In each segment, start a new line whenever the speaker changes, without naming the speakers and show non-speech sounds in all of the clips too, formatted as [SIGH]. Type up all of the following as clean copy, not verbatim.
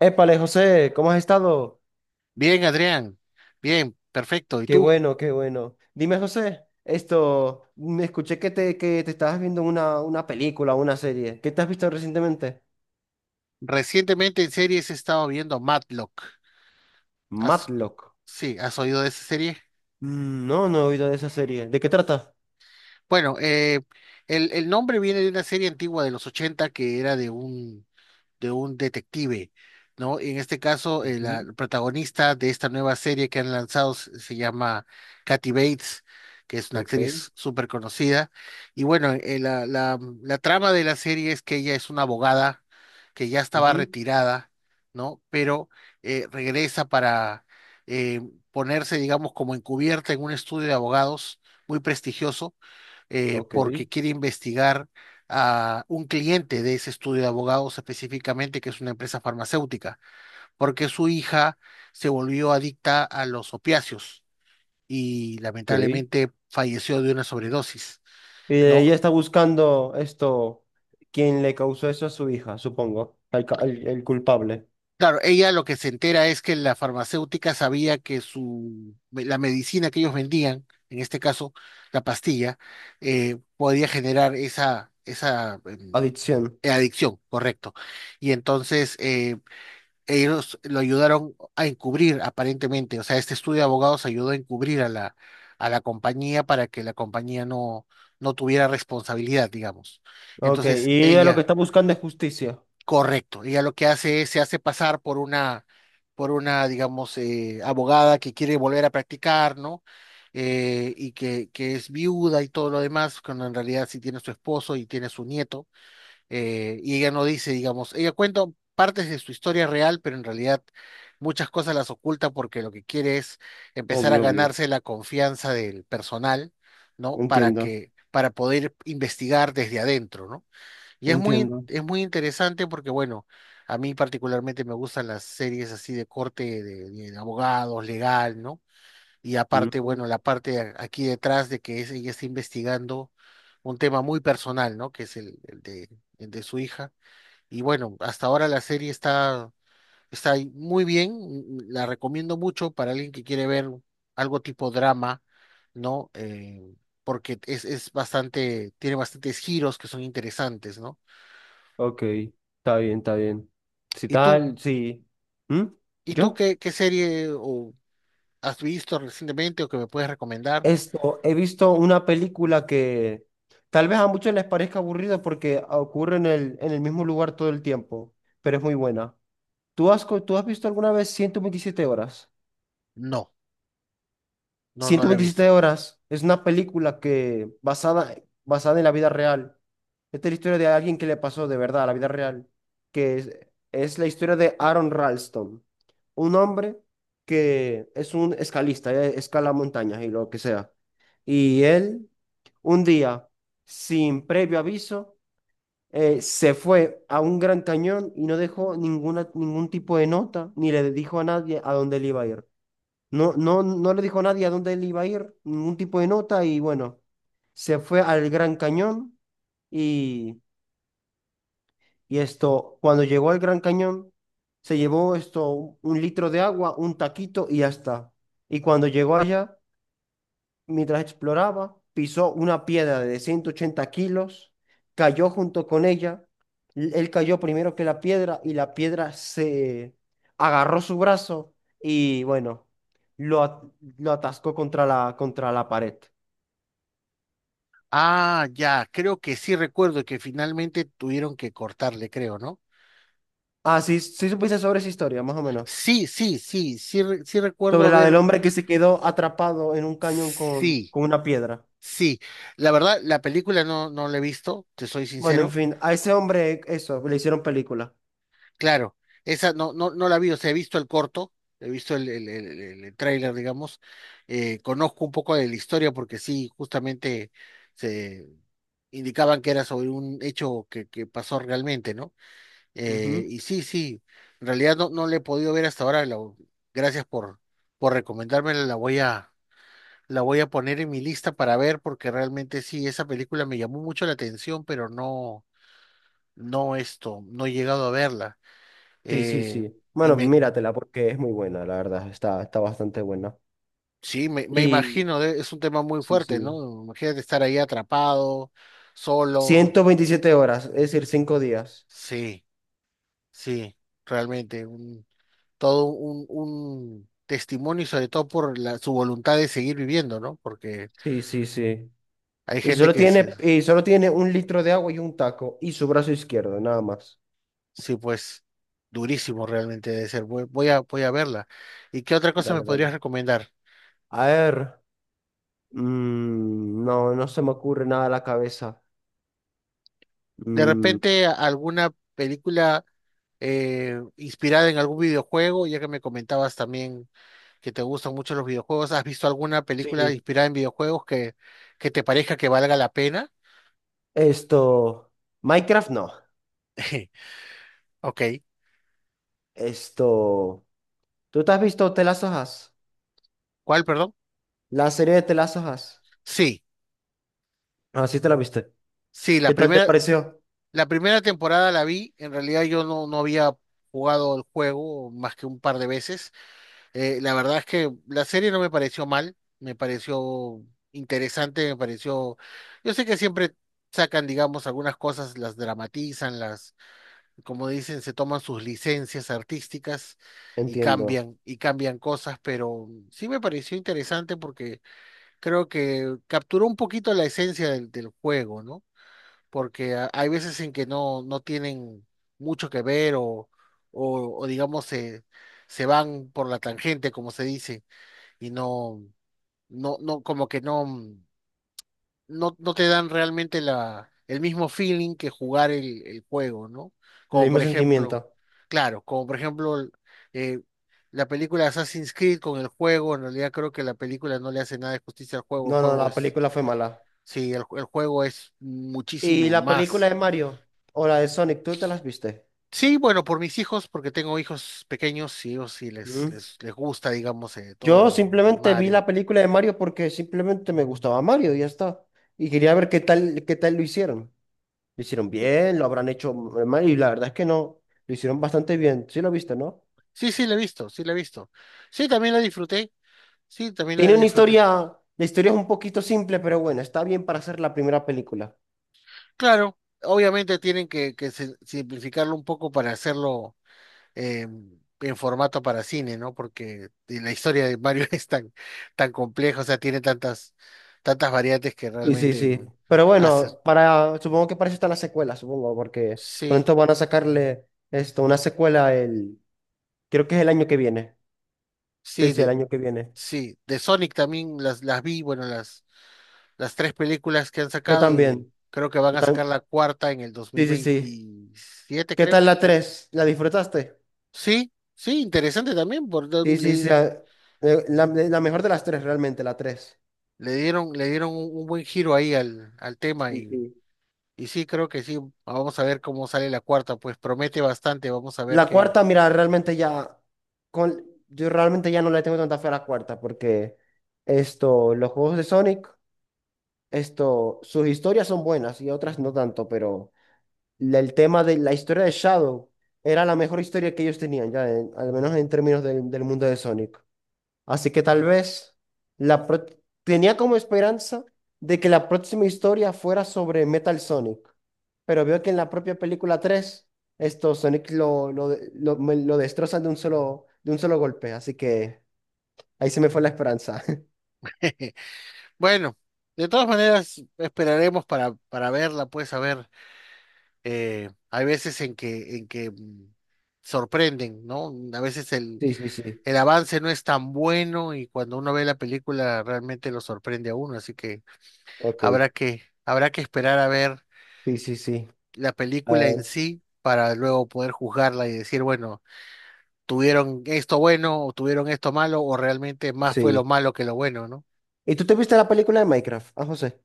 Épale, José, ¿cómo has estado?
Bien, Adrián. Bien, perfecto. ¿Y
Qué
tú?
bueno, qué bueno. Dime, José, me escuché que te estabas viendo una película, una serie. ¿Qué te has visto recientemente?
Recientemente en series he estado viendo Matlock. ¿Has-
Matlock.
sí, ¿has oído de esa serie?
No, no he oído de esa serie. ¿De qué trata?
Bueno, el nombre viene de una serie antigua de los 80 que era de un detective, ¿no? En este caso, la
Ujú.
protagonista de esta nueva serie que han lanzado se llama Kathy Bates, que es una
Ok,
actriz súper conocida. Y bueno, la trama de la serie es que ella es una abogada que ya estaba
ujú,
retirada, ¿no? Pero regresa para eh, ponerse, digamos, como encubierta en un estudio de abogados muy prestigioso,
ok,
porque quiere investigar a un cliente de ese estudio de abogados específicamente, que es una empresa farmacéutica, porque su hija se volvió adicta a los opiáceos y
ok. Y
lamentablemente falleció de una sobredosis,
ella
¿no?
está buscando quien le causó eso a su hija, supongo, el culpable.
Claro, ella lo que se entera es que la farmacéutica sabía que la medicina que ellos vendían, en este caso la pastilla, podía generar esa
Adicción.
adicción, correcto. Y entonces, ellos lo ayudaron a encubrir, aparentemente. O sea, este estudio de abogados ayudó a encubrir a la compañía para que la compañía no, no tuviera responsabilidad, digamos.
Ok,
Entonces,
y ella lo que
ella,
está buscando es justicia.
correcto, ella lo que hace es, se hace pasar por una, digamos, abogada que quiere volver a practicar, ¿no? Y que es viuda y todo lo demás, cuando en realidad sí tiene su esposo y tiene su nieto, y ella no dice, digamos, ella cuenta partes de su historia real, pero en realidad muchas cosas las oculta porque lo que quiere es empezar a
Obvio, obvio.
ganarse la confianza del personal, ¿no? Para
Entiendo,
que, para poder investigar desde adentro, ¿no? Y es muy,
entiendo.
es muy interesante porque, bueno, a mí particularmente me gustan las series así de corte de abogados, legal, ¿no? Y aparte,
Mm,
bueno, la parte aquí detrás de que ella está investigando un tema muy personal, ¿no? Que es el de su hija. Y bueno, hasta ahora la serie está ahí muy bien. La recomiendo mucho para alguien que quiere ver algo tipo drama, ¿no? Porque es bastante, tiene bastantes giros que son interesantes, ¿no?
ok, está bien, está bien. Si
¿Y tú?
tal, sí. ¿Mm?
¿Y tú
¿Yo?
qué serie o has visto recientemente o que me puedes recomendar?
He visto una película que tal vez a muchos les parezca aburrida porque ocurre en el mismo lugar todo el tiempo, pero es muy buena. ¿ Tú has visto alguna vez 127 horas?
No, no, no
Ciento
la he visto.
veintisiete horas es una película basada en la vida real. Esta es la historia de alguien que le pasó de verdad a la vida real, que es, es la historia de Aaron Ralston, un hombre que es un escalista, escala montañas y lo que sea. Y él, un día, sin previo aviso, se fue a un gran cañón y no dejó ningún tipo de nota, ni le dijo a nadie a dónde él iba a ir. No, no, no le dijo a nadie a dónde él iba a ir, ningún tipo de nota, y bueno, se fue al Gran Cañón y, y cuando llegó al Gran Cañón, se llevó un litro de agua, un taquito y ya está. Y cuando llegó allá, mientras exploraba, pisó una piedra de 180 kilos, cayó junto con ella. Él cayó primero que la piedra y la piedra se agarró su brazo y bueno, lo, at- lo atascó contra contra la pared.
Ah, ya, creo que sí recuerdo que finalmente tuvieron que cortarle, creo, ¿no?
Ah, sí, sí supiste sobre esa historia, más o menos.
Sí, sí, sí, sí, sí recuerdo
Sobre la del
haber,
hombre que se quedó atrapado en un cañón
sí,
con una piedra.
sí. La verdad, la película no, no la he visto, te soy
Bueno, en
sincero.
fin, a ese hombre le hicieron película.
Claro, esa no, no, no la vi, o sea, he visto el corto, he visto el tráiler, digamos. Conozco un poco de la historia porque sí, justamente se indicaban que era sobre un hecho que pasó realmente, ¿no? Eh,
Ujú.
y sí, sí, en realidad no, no le he podido ver hasta ahora. Gracias por recomendármela. La voy a poner en mi lista para ver, porque realmente sí, esa película me llamó mucho la atención, pero no, no esto, no he llegado a verla.
Sí, sí,
Eh,
sí.
y
Bueno,
me,
míratela porque es muy buena, la verdad. Está, está bastante buena.
sí, me
Y
imagino, es un tema muy
sí,
fuerte,
sí.
¿no? Imagínate estar ahí atrapado, solo.
127 horas, es decir, 5 días.
Sí, sí, realmente. Todo un testimonio y sobre todo por su voluntad de seguir viviendo, ¿no? Porque
Sí, sí, sí.
hay gente que
Y solo tiene un litro de agua y un taco y su brazo izquierdo, nada más.
sí, pues, durísimo realmente de ser. Voy a verla. ¿Y qué otra cosa me
Dale, dale.
podrías recomendar?
A ver. No, no se me ocurre nada a la cabeza.
De
Mm,
repente alguna película inspirada en algún videojuego, ya que me comentabas también que te gustan mucho los videojuegos. ¿Has visto alguna película
sí.
inspirada en videojuegos que te parezca que valga la pena?
Esto. Minecraft no.
[LAUGHS] Ok.
Esto. ¿Tú te has visto The Last of Us?
¿Cuál, perdón?
La serie de The Last of Us.
Sí,
Ah, sí te la viste.
sí, la
¿Qué tal te
primera.
pareció?
La primera temporada la vi, en realidad yo no, no había jugado el juego más que un par de veces. La verdad es que la serie no me pareció mal, me pareció interesante, me pareció. Yo sé que siempre sacan, digamos, algunas cosas, las dramatizan, como dicen, se toman sus licencias artísticas y
Entiendo.
cambian, y cambian cosas, pero sí me pareció interesante porque creo que capturó un poquito la esencia del juego, ¿no? Porque hay veces en que no, no tienen mucho que ver o, digamos se, se van por la tangente, como se dice, y no, no, no, como que no, no, no te dan realmente el mismo feeling que jugar el juego, ¿no?
El
Como
mismo
por ejemplo,
sentimiento.
claro, como por ejemplo eh, la película Assassin's Creed con el juego, en realidad creo que la película no le hace nada de justicia al juego, el
No, no,
juego
la
es,
película fue mala.
sí, el juego es
¿Y
muchísimo
la película
más.
de Mario? ¿O la de Sonic? ¿Tú te las viste?
Sí, bueno, por mis hijos, porque tengo hijos pequeños y ellos sí les,
Mm.
les, les gusta, digamos, todo
Yo
lo de
simplemente vi la
Mario.
película de Mario porque simplemente me gustaba Mario y ya está. Y quería ver qué tal lo hicieron. ¿Lo hicieron
Sí,
bien? ¿Lo habrán hecho mal? Y la verdad es que no. Lo hicieron bastante bien. Sí lo viste, ¿no?
sí, sí, la he visto, sí, la he visto. Sí, también la disfruté, sí, también la,
Tiene
la
una
disfruté.
historia, la historia es un poquito simple, pero bueno, está bien para hacer la primera película.
Claro, obviamente tienen que simplificarlo un poco para hacerlo eh, en formato para cine, ¿no? Porque la historia de Mario [LAUGHS] es tan, tan compleja, o sea, tiene tantas, tantas variantes que
Sí, sí,
realmente
sí. Pero
hace.
bueno, supongo que para eso está la secuela, supongo, porque
Sí,
pronto van a sacarle una secuela creo que es el año que viene. Sí,
sí,
sí, el año que viene.
sí, de Sonic también las vi, bueno, las tres películas que han
Yo
sacado y
también.
creo que van
Yo
a sacar
tam-
la cuarta en el dos mil
sí, sí, sí.
veintisiete
¿Qué
creo.
tal la 3? ¿La disfrutaste?
Sí, sí, interesante también, por
Sí,
don-
sí, sí.
le,
La mejor de las tres, realmente, la 3.
le dieron un buen giro ahí al tema
Sí,
y,
sí.
y sí, creo que sí, vamos a ver cómo sale la cuarta, pues promete bastante, vamos a ver
La
qué.
cuarta, mira, yo realmente ya no le tengo tanta fe a la cuarta, porque los juegos de Sonic. Sus historias son buenas y otras no tanto, pero el tema de la historia de Shadow era la mejor historia que ellos tenían, al menos en términos del mundo de Sonic. Así que tal vez la pro- tenía como esperanza de que la próxima historia fuera sobre Metal Sonic, pero veo que en la propia película 3 esto Sonic lo destrozan de un solo golpe, así que ahí se me fue la esperanza. [LAUGHS]
[LAUGHS] Bueno, de todas maneras, esperaremos para verla, pues a ver, hay veces en que sorprenden, ¿no? A veces el
Sí, sí, sí.
el avance no es tan bueno y cuando uno ve la película realmente lo sorprende a uno, así que
Ok.
habrá que esperar a ver
Sí, sí, sí.
la
Ah,
película en sí para luego poder juzgarla y decir, bueno, tuvieron esto bueno o tuvieron esto malo o realmente más fue lo
sí.
malo que lo bueno, ¿no?
¿Y tú te viste la película de Minecraft? Ah, José.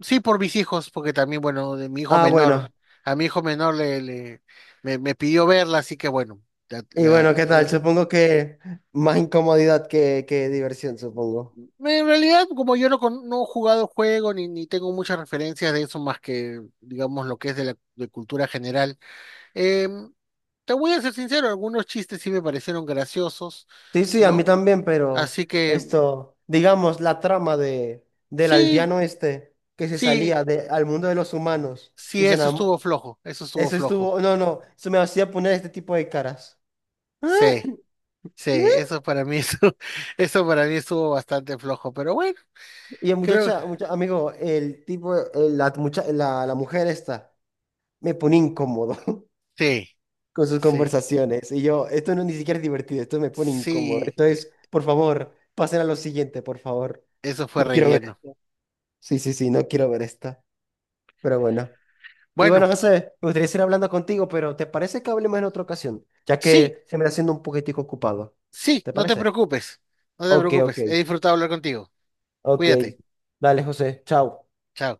Sí, por mis hijos, porque también, bueno, de mi hijo
Ah,
menor,
bueno.
a mi hijo menor me pidió verla, así que bueno, la,
Y bueno,
la-
¿qué
la-
tal? Supongo que más incomodidad que diversión, supongo.
En realidad, como yo no, no he jugado el juego ni tengo muchas referencias de eso más que, digamos, lo que es de la de cultura general, em, te voy a ser sincero, algunos chistes sí me parecieron graciosos,
Sí, sí, a mí
¿no?
también, pero
Así que
digamos, la trama del
sí,
aldeano este que se
sí,
salía de, al mundo de los humanos
sí,
y se
eso
enamoró.
estuvo flojo, eso estuvo
Eso
flojo.
estuvo, no, no, eso me hacía poner este tipo de caras.
Sí,
[LAUGHS]
sí, eso para mí, [LAUGHS] eso para mí estuvo bastante flojo, pero bueno,
Y el
creo,
muchacha, mucha- amigo, el tipo, el- la, mucha- la mujer esta, me pone incómodo
sí,
con sus
sí,
conversaciones. Y yo, esto no ni siquiera es divertido, esto me pone incómodo.
sí,
Esto es, por favor, pasen a lo siguiente, por favor.
eso fue
No quiero ver.
relleno.
Sí, sí, sí, no quiero ver esta. Pero bueno. Y bueno,
Bueno,
José, me gustaría seguir hablando contigo, pero ¿te parece que hablemos en otra ocasión? Ya
sí.
que se me está haciendo un poquitico ocupado.
Sí,
¿Te
no te
parece?
preocupes, no te
Ok, ok,
preocupes. He disfrutado hablar contigo.
ok.
Cuídate.
Dale, José, chao.
Chao.